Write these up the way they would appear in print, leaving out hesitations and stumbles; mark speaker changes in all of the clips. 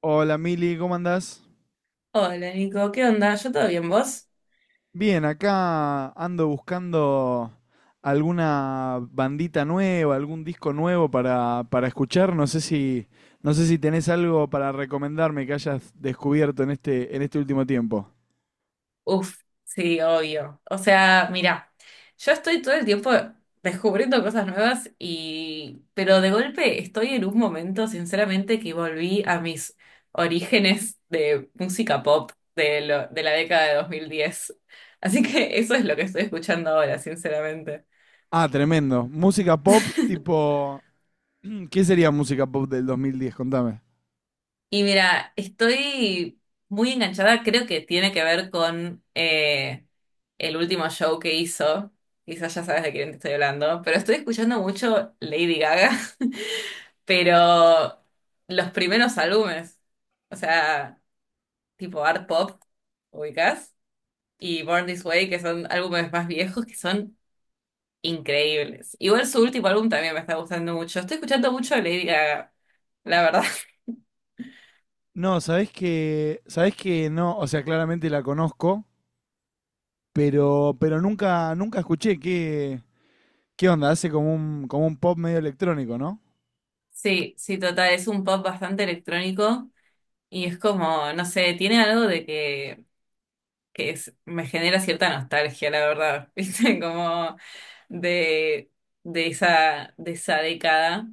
Speaker 1: Hola Mili, ¿cómo andás?
Speaker 2: Hola Nico, ¿qué onda? ¿Yo todo bien, vos?
Speaker 1: Bien, acá ando buscando alguna bandita nueva, algún disco nuevo para escuchar. No sé si tenés algo para recomendarme que hayas descubierto en este último tiempo.
Speaker 2: Uf, sí, obvio. O sea, mira, yo estoy todo el tiempo descubriendo cosas nuevas y... Pero de golpe estoy en un momento, sinceramente, que volví a mis orígenes de música pop de la década de 2010. Así que eso es lo que estoy escuchando ahora, sinceramente.
Speaker 1: Ah, tremendo. Música pop, tipo, ¿qué sería música pop del 2010? Contame.
Speaker 2: Y mira, estoy muy enganchada, creo que tiene que ver con el último show que hizo. Quizás ya sabes de quién te estoy hablando, pero estoy escuchando mucho Lady Gaga, pero los primeros álbumes, o sea, tipo Art Pop, ubicás, y Born This Way, que son álbumes más viejos, que son increíbles. Igual su último álbum también me está gustando mucho. Estoy escuchando mucho Lady Gaga, la verdad.
Speaker 1: No, sabés que no, o sea, claramente la conozco, pero nunca escuché qué, ¿qué onda? Hace como como un pop medio electrónico, ¿no?
Speaker 2: Sí, sí, total, es un pop bastante electrónico. Y es como, no sé, tiene algo de que es- me genera cierta nostalgia, la verdad, ¿viste? Como de, de esa década.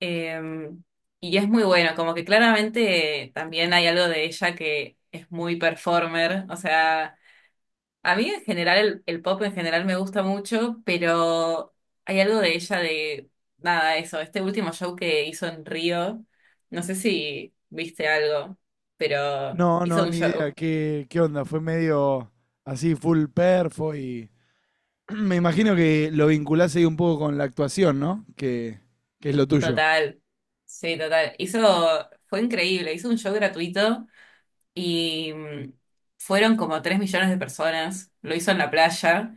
Speaker 2: Eh, y es muy bueno, como que claramente también hay algo de ella que es muy performer, o sea, a mí en general, el pop en general me gusta mucho, pero hay algo de ella de, nada, eso, este último show que hizo en Río, no sé si viste algo, pero
Speaker 1: No, no,
Speaker 2: hizo un
Speaker 1: ni idea.
Speaker 2: show
Speaker 1: ¿Qué, qué onda? Fue medio así, full perfo y... Me imagino que lo vinculás ahí un poco con la actuación, ¿no? Que es lo tuyo.
Speaker 2: total, sí, total, hizo, fue increíble, hizo un show gratuito y fueron como 3 millones de personas, lo hizo en la playa.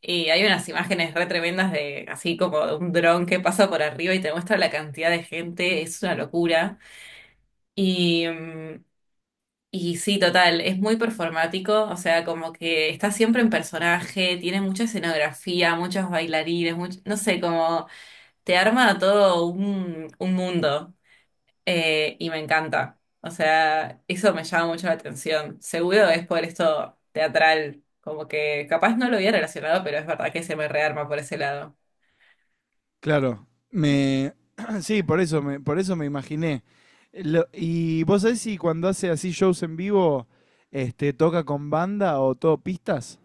Speaker 2: Y hay unas imágenes re tremendas de así como de un dron que pasa por arriba y te muestra la cantidad de gente, es una locura. Y, mm, y sí, total, es muy performático, o sea, como que está siempre en personaje, tiene mucha escenografía, muchos bailarines, no sé, como te arma todo un mundo y me encanta. O sea, eso me llama mucho la atención. Seguro es por esto teatral, como que capaz no lo había relacionado, pero es verdad que se me rearma por ese lado.
Speaker 1: Claro. Me... Sí, por eso me imaginé. Lo- ¿Y vos sabés si cuando hace así shows en vivo, este, toca con banda o todo pistas?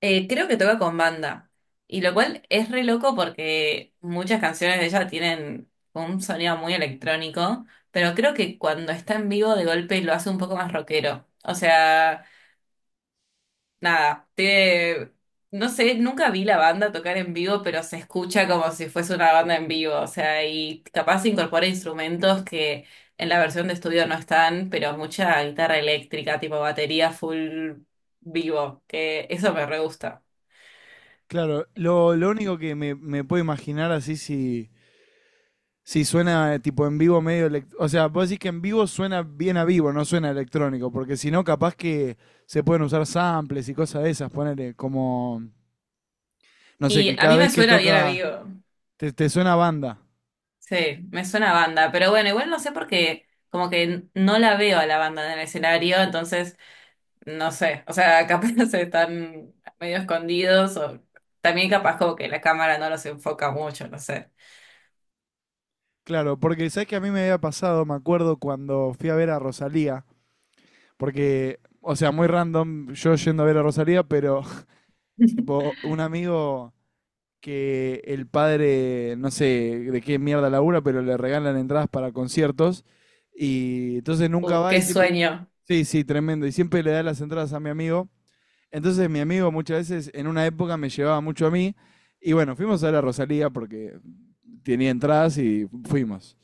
Speaker 2: Creo que toca con banda. Y lo cual es re loco porque muchas canciones de ella tienen un sonido muy electrónico, pero creo que cuando está en vivo de golpe lo hace un poco más rockero. O sea, nada, no sé, nunca vi la banda tocar en vivo, pero se escucha como si fuese una banda en vivo. O sea, y capaz incorpora instrumentos que en la versión de estudio no están, pero mucha guitarra eléctrica, tipo batería full vivo, que eso me re gusta.
Speaker 1: Claro, lo único me puedo imaginar así si, sí, suena tipo en vivo medio... elec- O sea, vos decís que en vivo suena bien a vivo, no suena electrónico, porque si no, capaz que se pueden usar samples y cosas de esas, ponele como... No sé, que
Speaker 2: Y a
Speaker 1: cada
Speaker 2: mí
Speaker 1: vez
Speaker 2: me
Speaker 1: que
Speaker 2: suena bien
Speaker 1: toca
Speaker 2: amigo.
Speaker 1: te suena a banda.
Speaker 2: Sí, me suena a banda. Pero bueno, igual no sé porque como que no la veo a la banda en el escenario, entonces no sé. O sea, capaz se están medio escondidos o también capaz como que la cámara no los enfoca mucho, no sé.
Speaker 1: Claro, porque sabes que a mí me había pasado, me acuerdo cuando fui a ver a Rosalía, porque, o sea, muy random yo yendo a ver a Rosalía, pero tipo un amigo que el padre, no sé de qué mierda labura, pero le regalan entradas para conciertos. Y entonces nunca va y
Speaker 2: Qué
Speaker 1: siempre.
Speaker 2: sueño.
Speaker 1: Sí, sí, tremendo. Y siempre le da las entradas a mi amigo. Entonces mi amigo muchas veces en una época me llevaba mucho a mí. Y bueno, fuimos a la Rosalía porque tenía entradas y fuimos.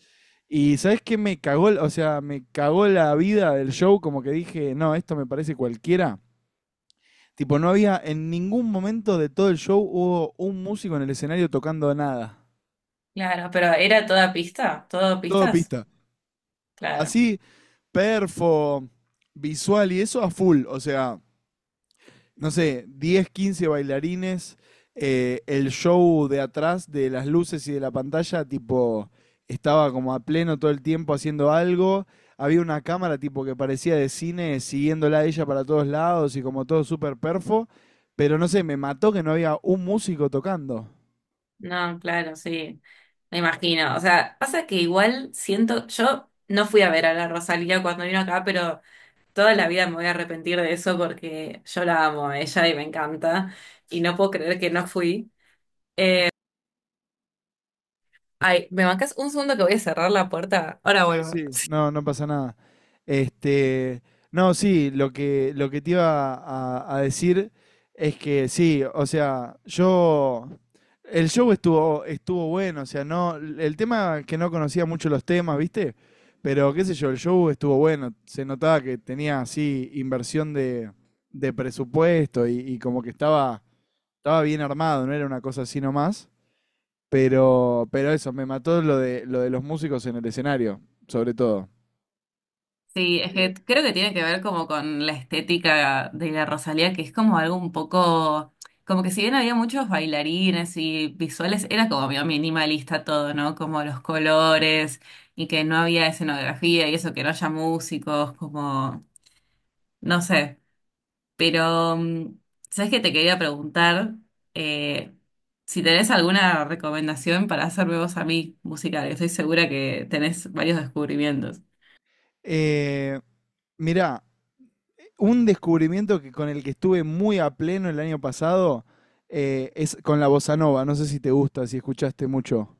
Speaker 1: Y ¿sabes qué me cagó? O sea, me cagó la vida del show, como que dije, no, esto me parece cualquiera. Tipo, no había en ningún momento de todo el show hubo un músico en el escenario tocando nada.
Speaker 2: Claro, pero ¿era toda pista? ¿Todo
Speaker 1: Todo
Speaker 2: pistas?
Speaker 1: pista.
Speaker 2: Claro.
Speaker 1: Así, perfo, visual y eso a full. O sea, no sé, 10, 15 bailarines, el show de atrás de las luces y de la pantalla, tipo, estaba como a pleno todo el tiempo haciendo algo. Había una cámara tipo que parecía de cine siguiéndola a ella para todos lados y como todo súper perfo. Pero no sé, me mató que no había un músico tocando.
Speaker 2: No, claro, sí. Me imagino. O sea, pasa que igual siento, yo no fui a ver a la Rosalía cuando vino acá, pero... Toda la vida me voy a arrepentir de eso porque yo la amo a ella y me encanta. Y no puedo creer que no fui. Ay, ¿me bancas un segundo que voy a cerrar la puerta? Ahora
Speaker 1: Sí,
Speaker 2: vuelvo.
Speaker 1: sí, no, no pasa nada. Este, no, sí, lo que te iba a decir es que sí, o sea, yo, el estuvo bueno, o sea, no, el tema que no conocía mucho los temas, ¿viste? Pero qué sé yo, el show estuvo bueno, se notaba que tenía así inversión de presupuesto y como que estaba bien armado, no era una cosa así nomás. Pero eso, me mató lo de los músicos en el escenario, sobre todo.
Speaker 2: Sí, es que
Speaker 1: Sí.
Speaker 2: creo que tiene que ver como con la estética de la Rosalía, que es como algo un poco, como que si bien había muchos bailarines y visuales, era como medio minimalista todo, ¿no? Como los colores y que no había escenografía y eso, que no haya músicos, como, no sé. Pero, mm, ¿sabes qué te quería preguntar? Eh, si tenés alguna recomendación para hacerme vos a mí musical, que estoy segura que tenés varios descubrimientos.
Speaker 1: Eh, mirá, un descubrimiento que, con el que estuve muy a pleno el año pasado es con la bossa nova. No sé si te gusta, si escuchaste mucho.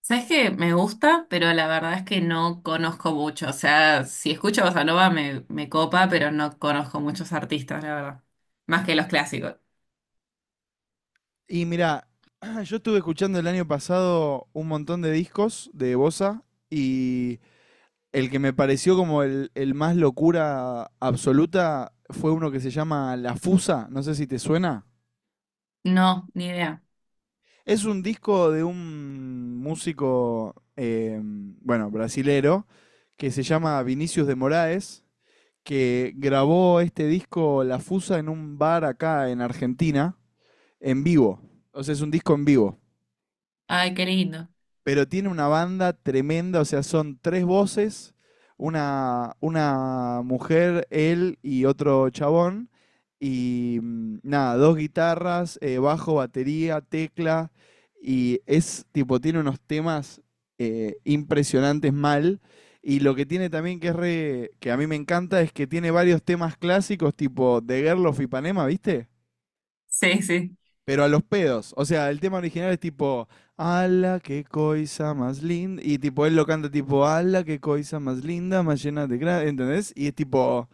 Speaker 2: ¿Sabes qué? Me gusta, pero la verdad es que no conozco mucho. O sea, si escucho bossa nova me copa, pero no conozco muchos artistas, la verdad. Más que los clásicos.
Speaker 1: Y mirá, yo estuve escuchando el año pasado un montón de discos de bossa y el que me pareció como el más locura absoluta fue uno que se llama La Fusa. No sé si te suena.
Speaker 2: No, ni idea.
Speaker 1: Es un disco de un músico, bueno, brasilero, que se llama Vinicius de Moraes, que grabó este disco La Fusa en un bar acá en Argentina, en vivo. O sea, es un disco en vivo
Speaker 2: Ay, qué lindo.
Speaker 1: pero tiene una banda tremenda, o sea, son tres voces, una mujer, él y otro chabón, y nada, dos guitarras, bajo, batería, tecla, y es tipo, tiene unos temas impresionantes mal. Y lo que tiene también que es re- que a mí me encanta es que tiene varios temas clásicos tipo The Girl of Ipanema, ¿viste?
Speaker 2: Sí, sí,
Speaker 1: Pero a los pedos. O sea, el tema original es tipo, ala, qué coisa más linda. Y tipo, él lo canta tipo, ala, qué coisa más linda, más llena de gracia. ¿Entendés? Y es tipo,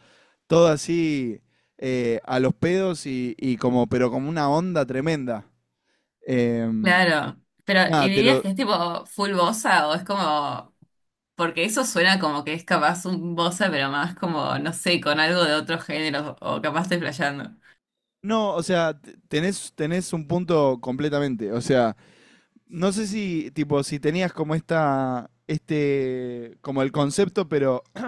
Speaker 1: todo así a los pedos y como, pero como una onda tremenda. Em,
Speaker 2: claro. Pero, ¿y
Speaker 1: nada, te
Speaker 2: dirías
Speaker 1: lo.
Speaker 2: que es tipo full bossa o es como porque eso suena como que es capaz un bossa, pero más como, no sé, con algo de otro género, o capaz estoy flasheando.
Speaker 1: No, o sea, t- tenés un punto completamente. O sea, no sé si, tipo, si tenías como esta, este, como el concepto, pero,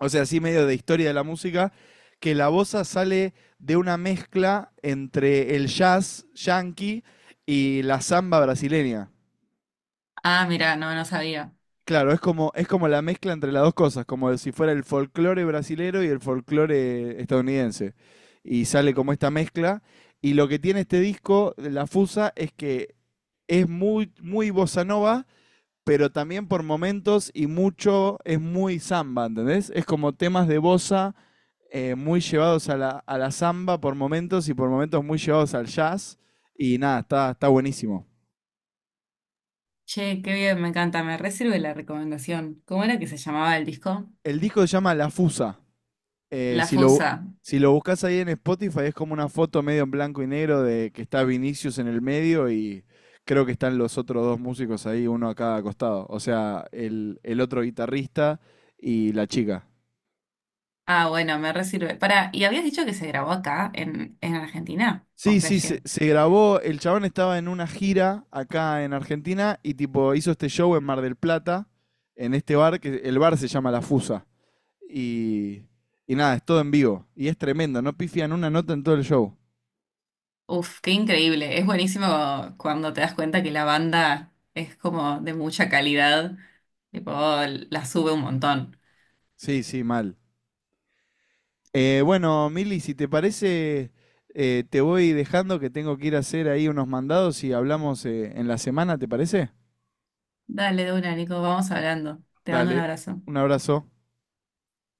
Speaker 1: o sea, así medio de historia de la música, que la bossa sale de una mezcla entre el jazz yankee y la samba brasileña.
Speaker 2: Ah, mira, no, no sabía.
Speaker 1: Claro, es como la mezcla entre las dos cosas, como si fuera el folclore brasilero y el folclore estadounidense. Y sale como esta mezcla. Y lo que tiene este disco, La Fusa, es que es muy, muy bossa nova, pero también por momentos y mucho es muy samba, ¿entendés? Es como temas de bossa muy llevados a la samba por momentos y por momentos muy llevados al jazz. Y nada, está buenísimo.
Speaker 2: Che, qué bien, me encanta, me re la recomendación. ¿Cómo era que se llamaba el disco?
Speaker 1: El disco se llama La Fusa. Eh,
Speaker 2: La
Speaker 1: si, lo,
Speaker 2: Fusa.
Speaker 1: si lo buscas ahí en Spotify es como una foto medio en blanco y negro de que está Vinicius en el medio y creo que están los otros dos músicos ahí, uno a cada costado. O sea, el otro guitarrista y la chica.
Speaker 2: Ah, bueno, me re sirve. Pará, ¿y habías dicho que se grabó acá, en Argentina? ¿O
Speaker 1: Sí, sí,
Speaker 2: flashé?
Speaker 1: se grabó. El chabón estaba en una gira acá en Argentina y tipo hizo este show en Mar del Plata, en este bar, que el bar se llama La Fusa. Y, y nada, es todo en vivo. Y es tremendo, no pifian una nota en todo el show.
Speaker 2: Uf, qué increíble. Es buenísimo cuando te das cuenta que la banda es como de mucha calidad, tipo, la sube un montón.
Speaker 1: Sí, sí, mal. Bueno, Mili, si te parece, te voy dejando que tengo que ir a hacer ahí unos mandados y hablamos en la semana, ¿te parece?
Speaker 2: Dale, de una, Nico, vamos hablando. Te mando un
Speaker 1: Dale,
Speaker 2: abrazo.
Speaker 1: un abrazo.